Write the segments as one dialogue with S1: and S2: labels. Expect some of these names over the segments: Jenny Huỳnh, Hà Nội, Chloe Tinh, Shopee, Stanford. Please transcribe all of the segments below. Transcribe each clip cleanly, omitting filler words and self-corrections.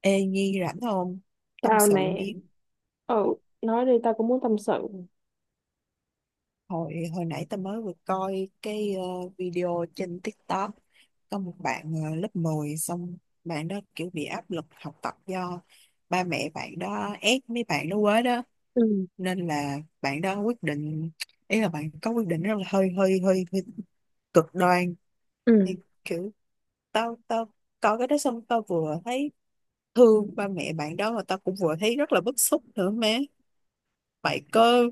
S1: Ê Nhi rảnh không? Tâm
S2: Tao
S1: sự
S2: nè,
S1: miếng.
S2: ừ, nói đi tao cũng muốn tâm sự.
S1: Hồi hồi nãy tao mới vừa coi cái video trên TikTok, có một bạn lớp mười. Xong bạn đó kiểu bị áp lực học tập do ba mẹ bạn đó ép mấy bạn đó quá đó,
S2: Ừ.
S1: nên là bạn đó quyết định, ý là bạn có quyết định rất là hơi cực đoan.
S2: Ừ.
S1: Thì kiểu tao tao coi cái đó xong tao vừa thấy thương ba mẹ bạn đó, mà tao cũng vừa thấy rất là bức xúc nữa má. mày có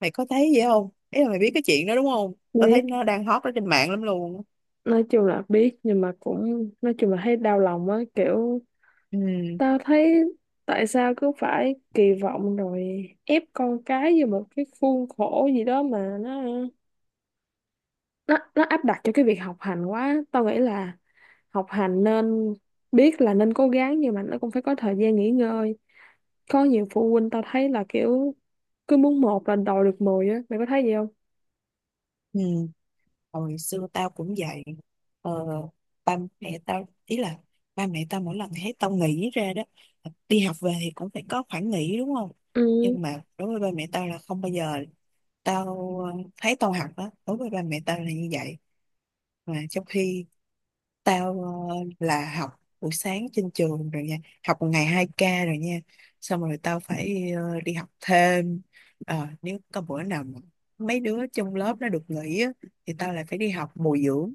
S1: Mày có thấy vậy không, ý là mày biết cái chuyện đó đúng không? Tao
S2: Biết,
S1: thấy nó đang hot ở trên mạng lắm luôn.
S2: nói chung là biết nhưng mà cũng nói chung là thấy đau lòng á, kiểu
S1: Ừ,
S2: tao thấy tại sao cứ phải kỳ vọng rồi ép con cái vô một cái khuôn khổ gì đó mà nó áp đặt cho cái việc học hành quá. Tao nghĩ là học hành nên biết là nên cố gắng nhưng mà nó cũng phải có thời gian nghỉ ngơi. Có nhiều phụ huynh tao thấy là kiểu cứ muốn một là đòi được mười á, mày có thấy gì không?
S1: ừ. Hồi xưa tao cũng vậy ờ, Ba mẹ tao ý là ba mẹ tao mỗi lần thấy tao nghỉ ra đó, đi học về thì cũng phải có khoảng nghỉ đúng không.
S2: Ừ.
S1: Nhưng mà đối với ba mẹ tao là không bao giờ. Tao thấy tao học đó đối với ba mẹ tao là như vậy. Mà trong khi tao, là học buổi sáng trên trường rồi nha. Học một ngày hai k rồi nha. Xong rồi tao phải đi học thêm. Ờ, nếu có bữa nào mà mấy đứa trong lớp nó được nghỉ á, thì tao lại phải đi học bồi dưỡng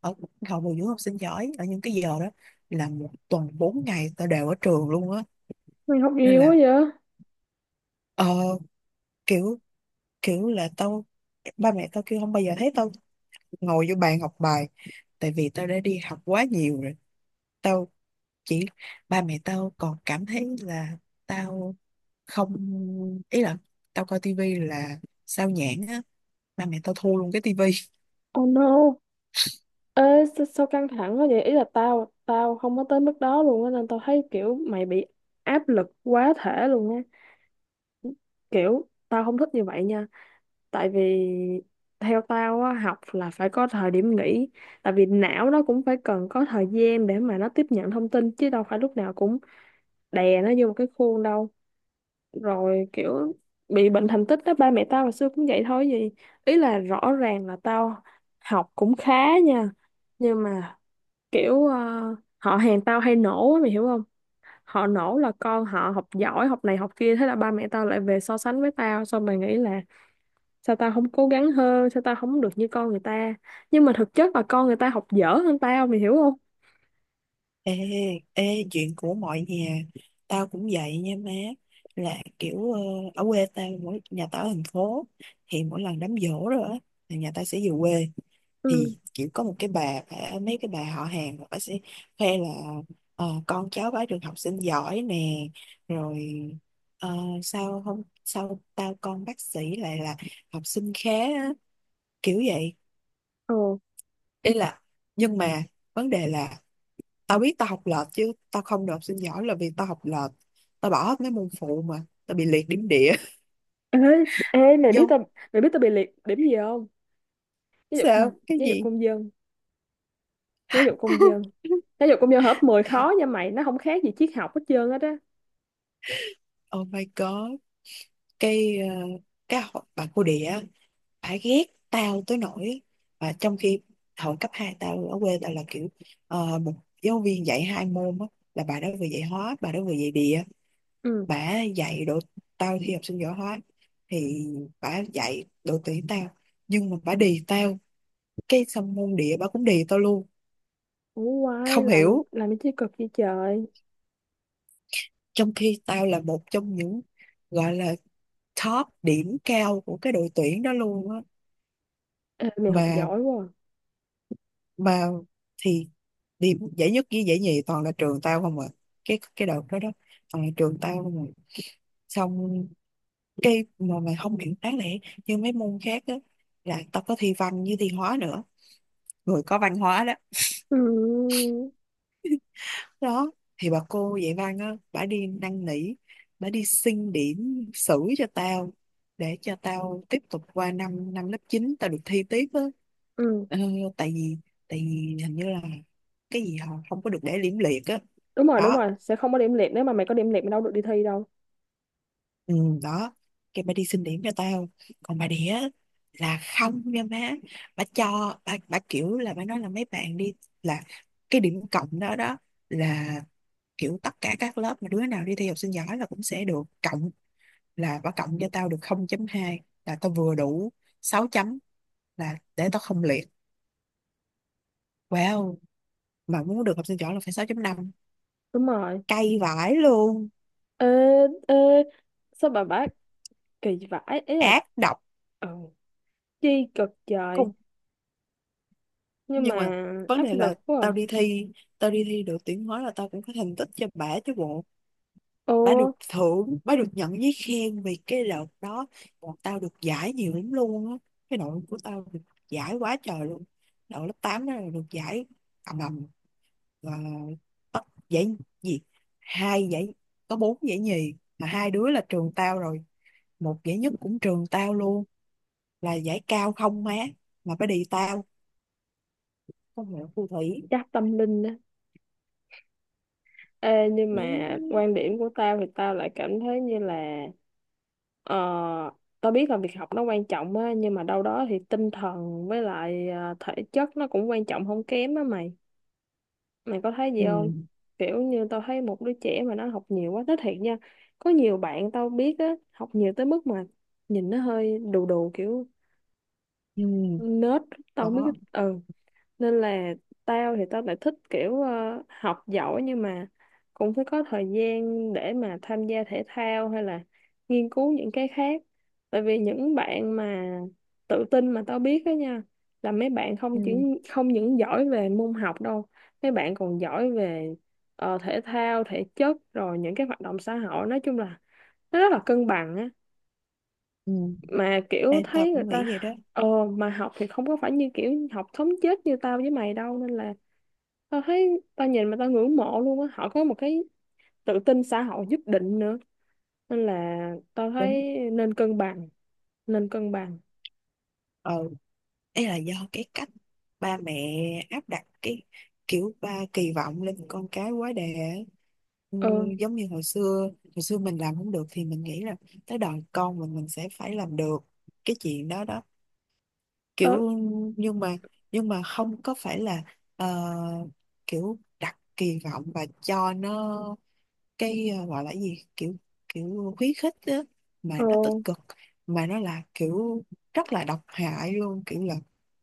S1: ở, học bồi dưỡng học sinh giỏi. Ở những cái giờ đó, là một tuần 4 ngày tao đều ở trường luôn á.
S2: Mày học
S1: Nên
S2: nhiều quá
S1: là
S2: vậy?
S1: ờ, kiểu, kiểu là tao, ba mẹ tao kêu không bao giờ thấy tao ngồi vô bàn học bài. Tại vì tao đã đi học quá nhiều rồi, chỉ, ba mẹ tao còn cảm thấy là tao không, ý là tao coi tivi là sao nhãng á, ba mẹ tao thu luôn cái tivi.
S2: Oh no. Ê, sao, sao căng thẳng quá vậy? Ý là tao tao không có tới mức đó luôn á nên tao thấy kiểu mày bị áp lực quá thể luôn á. Kiểu tao không thích như vậy nha. Tại vì theo tao á, học là phải có thời điểm nghỉ. Tại vì não nó cũng phải cần có thời gian để mà nó tiếp nhận thông tin chứ đâu phải lúc nào cũng đè nó vô một cái khuôn đâu. Rồi kiểu bị bệnh thành tích đó ba mẹ tao hồi xưa cũng vậy thôi gì, ý là rõ ràng là tao học cũng khá nha, nhưng mà kiểu họ hàng tao hay nổ á, mày hiểu không, họ nổ là con họ học giỏi học này học kia thế là ba mẹ tao lại về so sánh với tao xong mày nghĩ là sao tao không cố gắng hơn, sao tao không được như con người ta, nhưng mà thực chất là con người ta học dở hơn tao, mày hiểu không?
S1: Ê, ê, chuyện của mọi nhà. Tao cũng vậy nha má. Là kiểu, ở quê tao, mỗi, nhà tao ở thành phố, thì mỗi lần đám giỗ rồi á, là nhà tao sẽ về quê. Thì
S2: Ừ.
S1: kiểu có một cái mấy cái bà họ hàng, bà sẽ khoe là ờ, con cháu bá được học sinh giỏi nè. Rồi ờ, sao không, sao tao con bác sĩ lại là học sinh khá á, kiểu vậy.
S2: Ồ.
S1: Ý là, nhưng mà vấn đề là tao biết tao học lệch, chứ tao không được học sinh giỏi là vì tao học lệch, tao bỏ hết mấy môn phụ mà tao bị liệt điểm địa.
S2: Ê, ê,
S1: Vô,
S2: mày biết tao bị liệt điểm gì không? Giáo dục.
S1: sao cái
S2: Giáo dục
S1: gì.
S2: công dân. Giáo dục công dân. Giáo dục công dân hợp 10
S1: Ê,
S2: khó nha mày, nó không khác gì triết học hết trơn hết á.
S1: oh my god. cái ờ, cái bà cô địa á, bà ghét tao tới nỗi, và trong khi hồi cấp 2 tao ở quê tao là kiểu một giáo viên dạy hai môn á, là bà đó vừa dạy hóa, bà đó vừa dạy địa.
S2: Ừ.
S1: Bà dạy độ, tao thi học sinh giỏi hóa, thì bà dạy độ tuyển tao, nhưng mà bà đì tao. Cái xong môn địa bà cũng địa tao luôn,
S2: Ủa quay,
S1: không
S2: làm
S1: hiểu.
S2: làm cái chi cực vậy trời.
S1: Trong khi tao là một trong những gọi là top điểm cao của cái đội tuyển đó luôn á.
S2: Ê, mày học
S1: Mà
S2: giỏi quá. À.
S1: mà Thì điểm giải nhất với giải nhì toàn là trường tao không à, cái đợt đó đó toàn là trường tao không à. Xong cái mà mày không hiểu, đáng lẽ như mấy môn khác á, là tao có thi văn với thi hóa nữa, người có văn hóa đó
S2: Ừ.
S1: đó, thì bà cô dạy văn á bà đi năn nỉ, bà đi xin điểm xử cho tao, để cho tao tiếp tục qua năm năm lớp 9 tao được thi tiếp á.
S2: Ừ.
S1: Ờ, tại vì, tại vì hình như là cái gì họ không có được để liễm liệt á.
S2: Đúng
S1: Đó,
S2: rồi, sẽ không có điểm liệt, nếu mà mày có điểm liệt mày đâu được đi thi đâu.
S1: ừ, đó, cái bà đi xin điểm cho tao. Còn bà đĩa là không nha má, bà cho bà kiểu là bà nói là mấy bạn đi, là cái điểm cộng đó đó, là kiểu tất cả các lớp mà đứa nào đi thi học sinh giỏi là cũng sẽ được cộng, là bà cộng cho tao được 0.2, là tao vừa đủ 6 chấm, là để tao không liệt. Wow, mà muốn được học sinh giỏi là phải 6.5.
S2: Đúng rồi.
S1: Cay vãi luôn,
S2: Ê, ê, sao bà bác kỳ vãi, ý là
S1: ác độc
S2: ừ, chi cực trời,
S1: cùng.
S2: nhưng
S1: Nhưng mà
S2: mà
S1: vấn
S2: áp
S1: đề
S2: lực
S1: là
S2: quá. À.
S1: tao đi thi được tiếng nói là tao cũng có thành tích cho bả chứ bộ.
S2: Ồ,
S1: Bà được thưởng, bà được nhận giấy khen vì cái đợt đó bọn tao được giải nhiều lắm luôn á. Cái đội của tao được giải quá trời luôn, đội lớp 8 đó là được giải ầm ầm. Và bắt giải gì, hai giải, có bốn giải nhì mà hai đứa là trường tao rồi, một giải nhất cũng trường tao luôn, là giải cao không má. Mà phải đi tao không hiểu, phù thủy.
S2: chắc tâm linh đó. Ê, nhưng
S1: Ừ.
S2: mà quan điểm của tao thì tao lại cảm thấy như là ờ, tao biết là việc học nó quan trọng á, nhưng mà đâu đó thì tinh thần với lại thể chất nó cũng quan trọng không kém á mày, mày có thấy gì
S1: Ừ.
S2: không? Kiểu như tao thấy một đứa trẻ mà nó học nhiều quá, nói thiệt nha, có nhiều bạn tao biết á học nhiều tới mức mà nhìn nó hơi đù đù kiểu
S1: Ừ.
S2: nết, tao không biết.
S1: Có.
S2: Ừ, nên là tao lại thích kiểu học giỏi nhưng mà cũng phải có thời gian để mà tham gia thể thao hay là nghiên cứu những cái khác, tại vì những bạn mà tự tin mà tao biết đó nha là mấy bạn không
S1: Ừ.
S2: chỉ không những giỏi về môn học đâu, mấy bạn còn giỏi về thể thao thể chất rồi những cái hoạt động xã hội, nói chung là nó rất là cân bằng á,
S1: Ừ.
S2: mà kiểu
S1: Em tao
S2: thấy người
S1: cũng nghĩ
S2: ta
S1: vậy đó.
S2: ờ, mà học thì không có phải như kiểu học thống chết như tao với mày đâu, nên là tao thấy tao nhìn mà tao ngưỡng mộ luôn á, họ có một cái tự tin xã hội nhất định nữa, nên là tao
S1: Đúng.
S2: thấy nên cân bằng, nên cân bằng.
S1: Ừ, ấy là do cái cách ba mẹ áp đặt cái kiểu, ba kỳ vọng lên con cái quá đà ấy. Ừ,
S2: Ờ.
S1: giống như hồi xưa, hồi xưa mình làm không được thì mình nghĩ là tới đời con mình sẽ phải làm được cái chuyện đó đó
S2: tao
S1: kiểu. Nhưng mà nhưng mà không có phải là ờ, kiểu đặt kỳ vọng và cho nó cái gọi là cái gì, kiểu, kiểu khuyến khích á mà
S2: ờ,
S1: nó tích cực, mà nó là kiểu rất là độc hại luôn. Kiểu là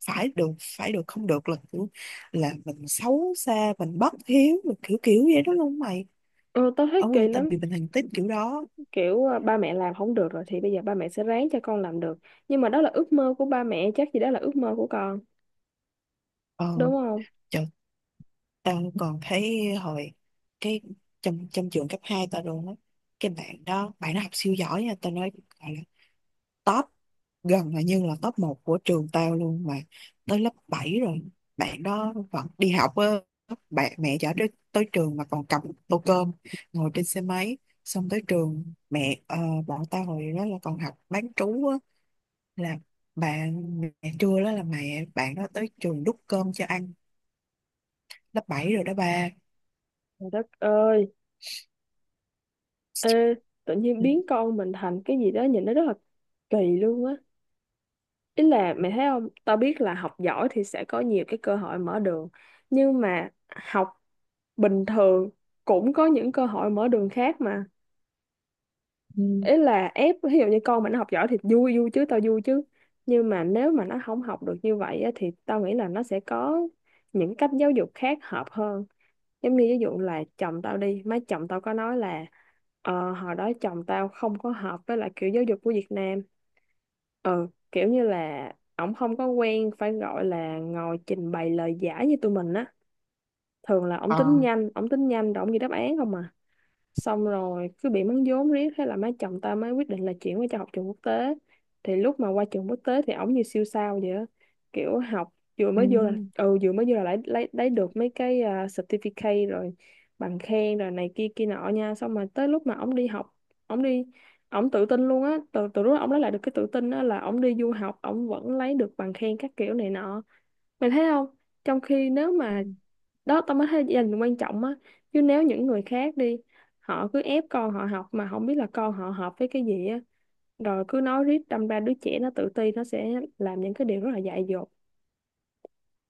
S1: phải được, phải được, không được là kiểu là mình xấu xa, mình bất hiếu rồi, kiểu kiểu vậy đó luôn mày.
S2: ờ Tao
S1: Ở
S2: thấy kỳ
S1: quê tao
S2: lắm,
S1: bị bệnh hành tím kiểu đó.
S2: kiểu à, ba mẹ làm không được rồi thì bây giờ ba mẹ sẽ ráng cho con làm được, nhưng mà đó là ước mơ của ba mẹ chắc gì đó là ước mơ của con,
S1: Ờ,
S2: đúng không?
S1: trời, tao còn thấy hồi cái, trong trong trường cấp 2 tao luôn á. Cái bạn đó bạn nó học siêu giỏi nha, tao nói top, gần là như là top một của trường tao luôn, mà tới lớp 7 rồi bạn đó vẫn đi học á. Bạn mẹ chở tới trường mà còn cầm tô cơm, ngồi trên xe máy. Xong tới trường mẹ, bọn tao hồi đó là còn học bán trú á, là bạn mẹ trưa đó là mẹ bạn đó tới trường đút cơm cho ăn. Lớp bảy rồi đó ba.
S2: Trời đất ơi. Ê, tự nhiên
S1: Ừ.
S2: biến con mình thành cái gì đó nhìn nó rất là kỳ luôn á, ý là mẹ thấy không, tao biết là học giỏi thì sẽ có nhiều cái cơ hội mở đường, nhưng mà học bình thường cũng có những cơ hội mở đường khác mà.
S1: Ừ.
S2: Ý là ép ví dụ như con mà nó học giỏi thì vui vui chứ, tao vui chứ, nhưng mà nếu mà nó không học được như vậy á, thì tao nghĩ là nó sẽ có những cách giáo dục khác hợp hơn. Giống như ví dụ là chồng tao đi, má chồng tao có nói là hồi đó chồng tao không có hợp với lại kiểu giáo dục của Việt Nam, ừ, kiểu như là ổng không có quen phải gọi là ngồi trình bày lời giải như tụi mình á, thường là
S1: Ờ.
S2: ổng tính nhanh rồi ổng ghi đáp án không à, xong rồi cứ bị mắng vốn riết thế là má chồng ta mới quyết định là chuyển qua cho học trường quốc tế. Thì lúc mà qua trường quốc tế thì ổng như siêu sao vậy á. Kiểu học vừa mới vô là, ừ, vừa mới vô là lấy được mấy cái à, certificate rồi bằng khen rồi này kia kia nọ nha, xong mà tới lúc mà ổng đi học, ổng đi ổng tự tin luôn á, từ từ lúc ổng lấy lại được cái tự tin á là ổng đi du học ổng vẫn lấy được bằng khen các kiểu này nọ, mày thấy không, trong khi nếu mà
S1: Ừ.
S2: đó tao mới thấy gia đình quan trọng á, chứ nếu những người khác đi, họ cứ ép con họ học mà không biết là con họ hợp với cái gì á, rồi cứ nói riết đâm ra đứa trẻ nó tự ti, nó sẽ làm những cái điều rất là dại dột.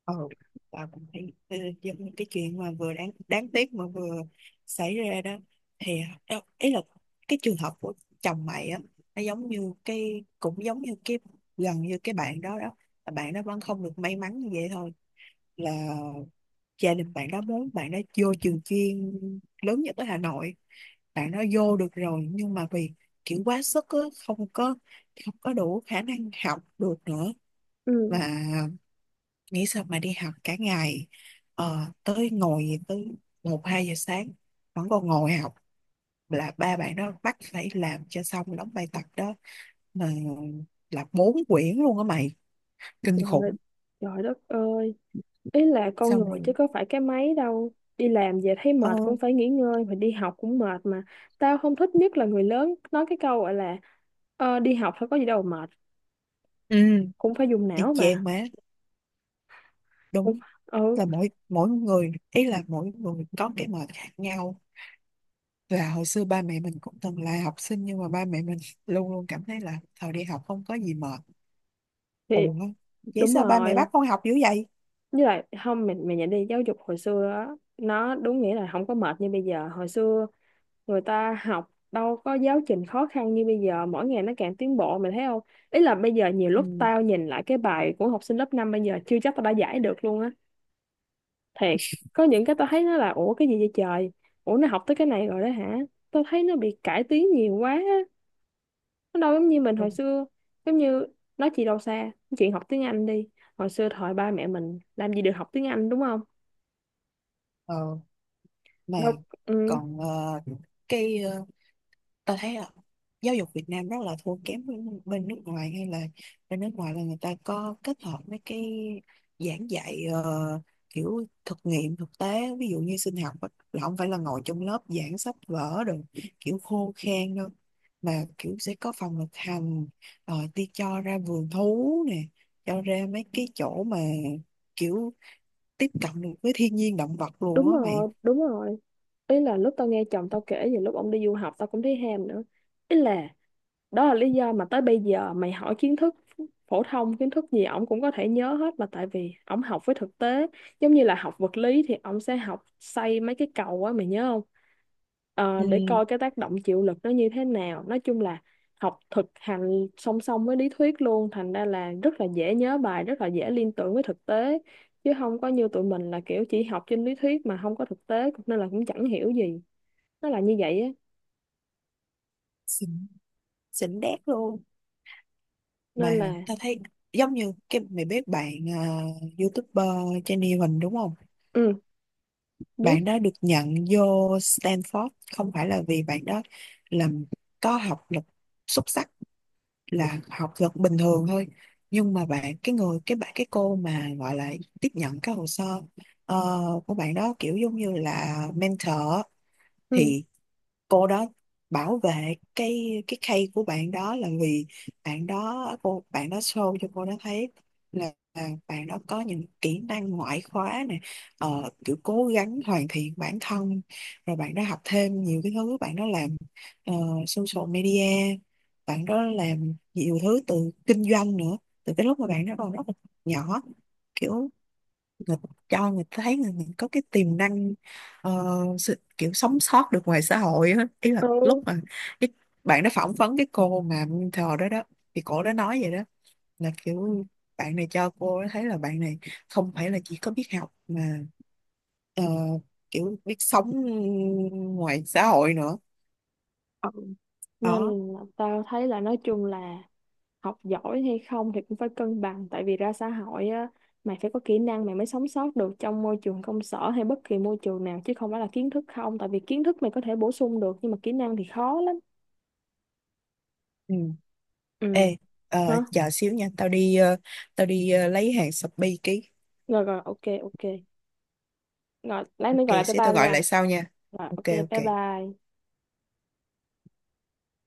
S1: Ừ. Tao cũng thấy giống như cái chuyện mà vừa đáng đáng tiếc mà vừa xảy ra đó, thì đâu ý là cái trường hợp của chồng mày á, nó giống như cái, cũng giống như cái gần như cái bạn đó đó. Là bạn đó vẫn không được may mắn như vậy thôi, là gia đình bạn đó muốn bạn đó vô trường chuyên lớn nhất ở Hà Nội. Bạn nó vô được rồi nhưng mà vì kiểu quá sức á, không có, không có đủ khả năng học được nữa. Và
S2: Ừ.
S1: nghĩ sao mà đi học cả ngày, tới ngồi tới một hai giờ sáng vẫn còn ngồi học, là ba bạn đó bắt phải làm cho xong đóng bài tập đó. Mà là bốn quyển luôn á mày, kinh
S2: Trời,
S1: khủng.
S2: trời đất ơi, ý là con
S1: Xong
S2: người chứ
S1: rồi,
S2: có phải cái máy đâu, đi làm về thấy
S1: ờ,
S2: mệt cũng phải nghỉ ngơi mà đi học cũng mệt mà. Tao không thích nhất là người lớn nói cái câu gọi là đi học phải có gì đâu mà mệt,
S1: ừ,
S2: cũng phải dùng
S1: y
S2: não
S1: chang
S2: mà,
S1: má,
S2: cũng
S1: đúng.
S2: ừ
S1: Là mỗi mỗi người, ý là mỗi người có cái mệt khác nhau. Là hồi xưa ba mẹ mình cũng từng là học sinh, nhưng mà ba mẹ mình luôn luôn cảm thấy là thời đi học không có gì mệt.
S2: thì
S1: Ủa, vậy
S2: đúng
S1: sao ba mẹ
S2: rồi.
S1: bắt con học dữ vậy?
S2: Với lại không, mình nhận đi giáo dục hồi xưa á, nó đúng nghĩa là không có mệt như bây giờ, hồi xưa người ta học đâu có giáo trình khó khăn như bây giờ, mỗi ngày nó càng tiến bộ mày thấy không, ý là bây giờ nhiều lúc
S1: Ừ.
S2: tao nhìn lại cái bài của học sinh lớp 5 bây giờ chưa chắc tao đã giải được luôn á, thiệt. Có những cái tao thấy nó là ủa cái gì vậy trời, ủa nó học tới cái này rồi đó hả, tao thấy nó bị cải tiến nhiều quá á. Nó đâu giống như mình hồi xưa, giống như nói chị đâu xa, chuyện học tiếng Anh đi, hồi xưa thời ba mẹ mình làm gì được học tiếng Anh đúng không,
S1: Ờ, mà
S2: đâu. Ừ,
S1: Còn cái ta thấy là giáo dục Việt Nam rất là thua kém với bên nước ngoài, hay là bên nước ngoài là người ta có kết hợp mấy cái giảng dạy kiểu thực nghiệm thực tế, ví dụ như sinh học á, là không phải là ngồi trong lớp giảng sách vở rồi kiểu khô khan đâu, mà kiểu sẽ có phòng thực hành, rồi đi cho ra vườn thú nè, cho ra mấy cái chỗ mà kiểu tiếp cận được với thiên nhiên động vật luôn
S2: đúng
S1: á mày.
S2: rồi, đúng rồi, ý là lúc tao nghe chồng tao kể về lúc ông đi du học tao cũng thấy ham nữa, ý là đó là lý do mà tới bây giờ mày hỏi kiến thức phổ thông kiến thức gì ổng cũng có thể nhớ hết mà, tại vì ổng học với thực tế, giống như là học vật lý thì ổng sẽ học xây mấy cái cầu á mày nhớ không. Ờ, để
S1: Ừ.
S2: coi cái tác động chịu lực nó như thế nào, nói chung là học thực hành song song với lý thuyết luôn, thành ra là rất là dễ nhớ bài rất là dễ liên tưởng với thực tế, chứ không có như tụi mình là kiểu chỉ học trên lý thuyết mà không có thực tế nên là cũng chẳng hiểu gì, nó là như vậy á,
S1: Xịn, xịn đét luôn.
S2: nên
S1: Mà
S2: là
S1: tao thấy giống như cái, mày biết bạn YouTuber Jenny Huỳnh đúng không?
S2: ừ,
S1: Bạn
S2: biết,
S1: đó được nhận vô Stanford, không phải là vì bạn đó làm có học lực xuất sắc, là học lực bình thường thôi. Nhưng mà bạn cái người cái bạn cái cô mà gọi là tiếp nhận cái hồ sơ ờ, của bạn đó kiểu giống như là mentor á,
S2: ừ,
S1: thì cô đó bảo vệ cái case của bạn đó là vì bạn đó, cô bạn đó show cho cô đó thấy là bạn đó có những kỹ năng ngoại khóa này, kiểu cố gắng hoàn thiện bản thân, rồi bạn đó học thêm nhiều cái thứ, bạn đó làm ờ, social media, bạn đó làm nhiều thứ từ kinh doanh nữa, từ cái lúc mà bạn đó còn rất là nhỏ. Kiểu người, cho người ta thấy người mình có cái tiềm năng ờ, kiểu sống sót được ngoài xã hội á, ý là
S2: ừ.
S1: lúc mà cái bạn đó phỏng vấn cái cô mà mentor đó đó, thì cổ đó nói vậy đó, là kiểu bạn này cho cô thấy là bạn này không phải là chỉ có biết học mà ờ, kiểu biết sống ngoài xã hội nữa.
S2: Ừ. Nên
S1: Đó.
S2: là tao thấy là nói chung là học giỏi hay không thì cũng phải cân bằng, tại vì ra xã hội á mày phải có kỹ năng mày mới sống sót được trong môi trường công sở hay bất kỳ môi trường nào, chứ không phải là kiến thức không, tại vì kiến thức mày có thể bổ sung được nhưng mà kỹ năng thì khó lắm.
S1: Ừ.
S2: Ừ.
S1: Ê, ờ,
S2: Hả?
S1: chờ xíu nha, tao đi lấy hàng Shopee ký.
S2: Rồi rồi, ok ok, rồi lát nữa
S1: Ok,
S2: gọi lại cho
S1: xíu tao
S2: tao
S1: gọi
S2: nha.
S1: lại sau nha.
S2: Rồi ok,
S1: Ok,
S2: bye
S1: ok.
S2: bye.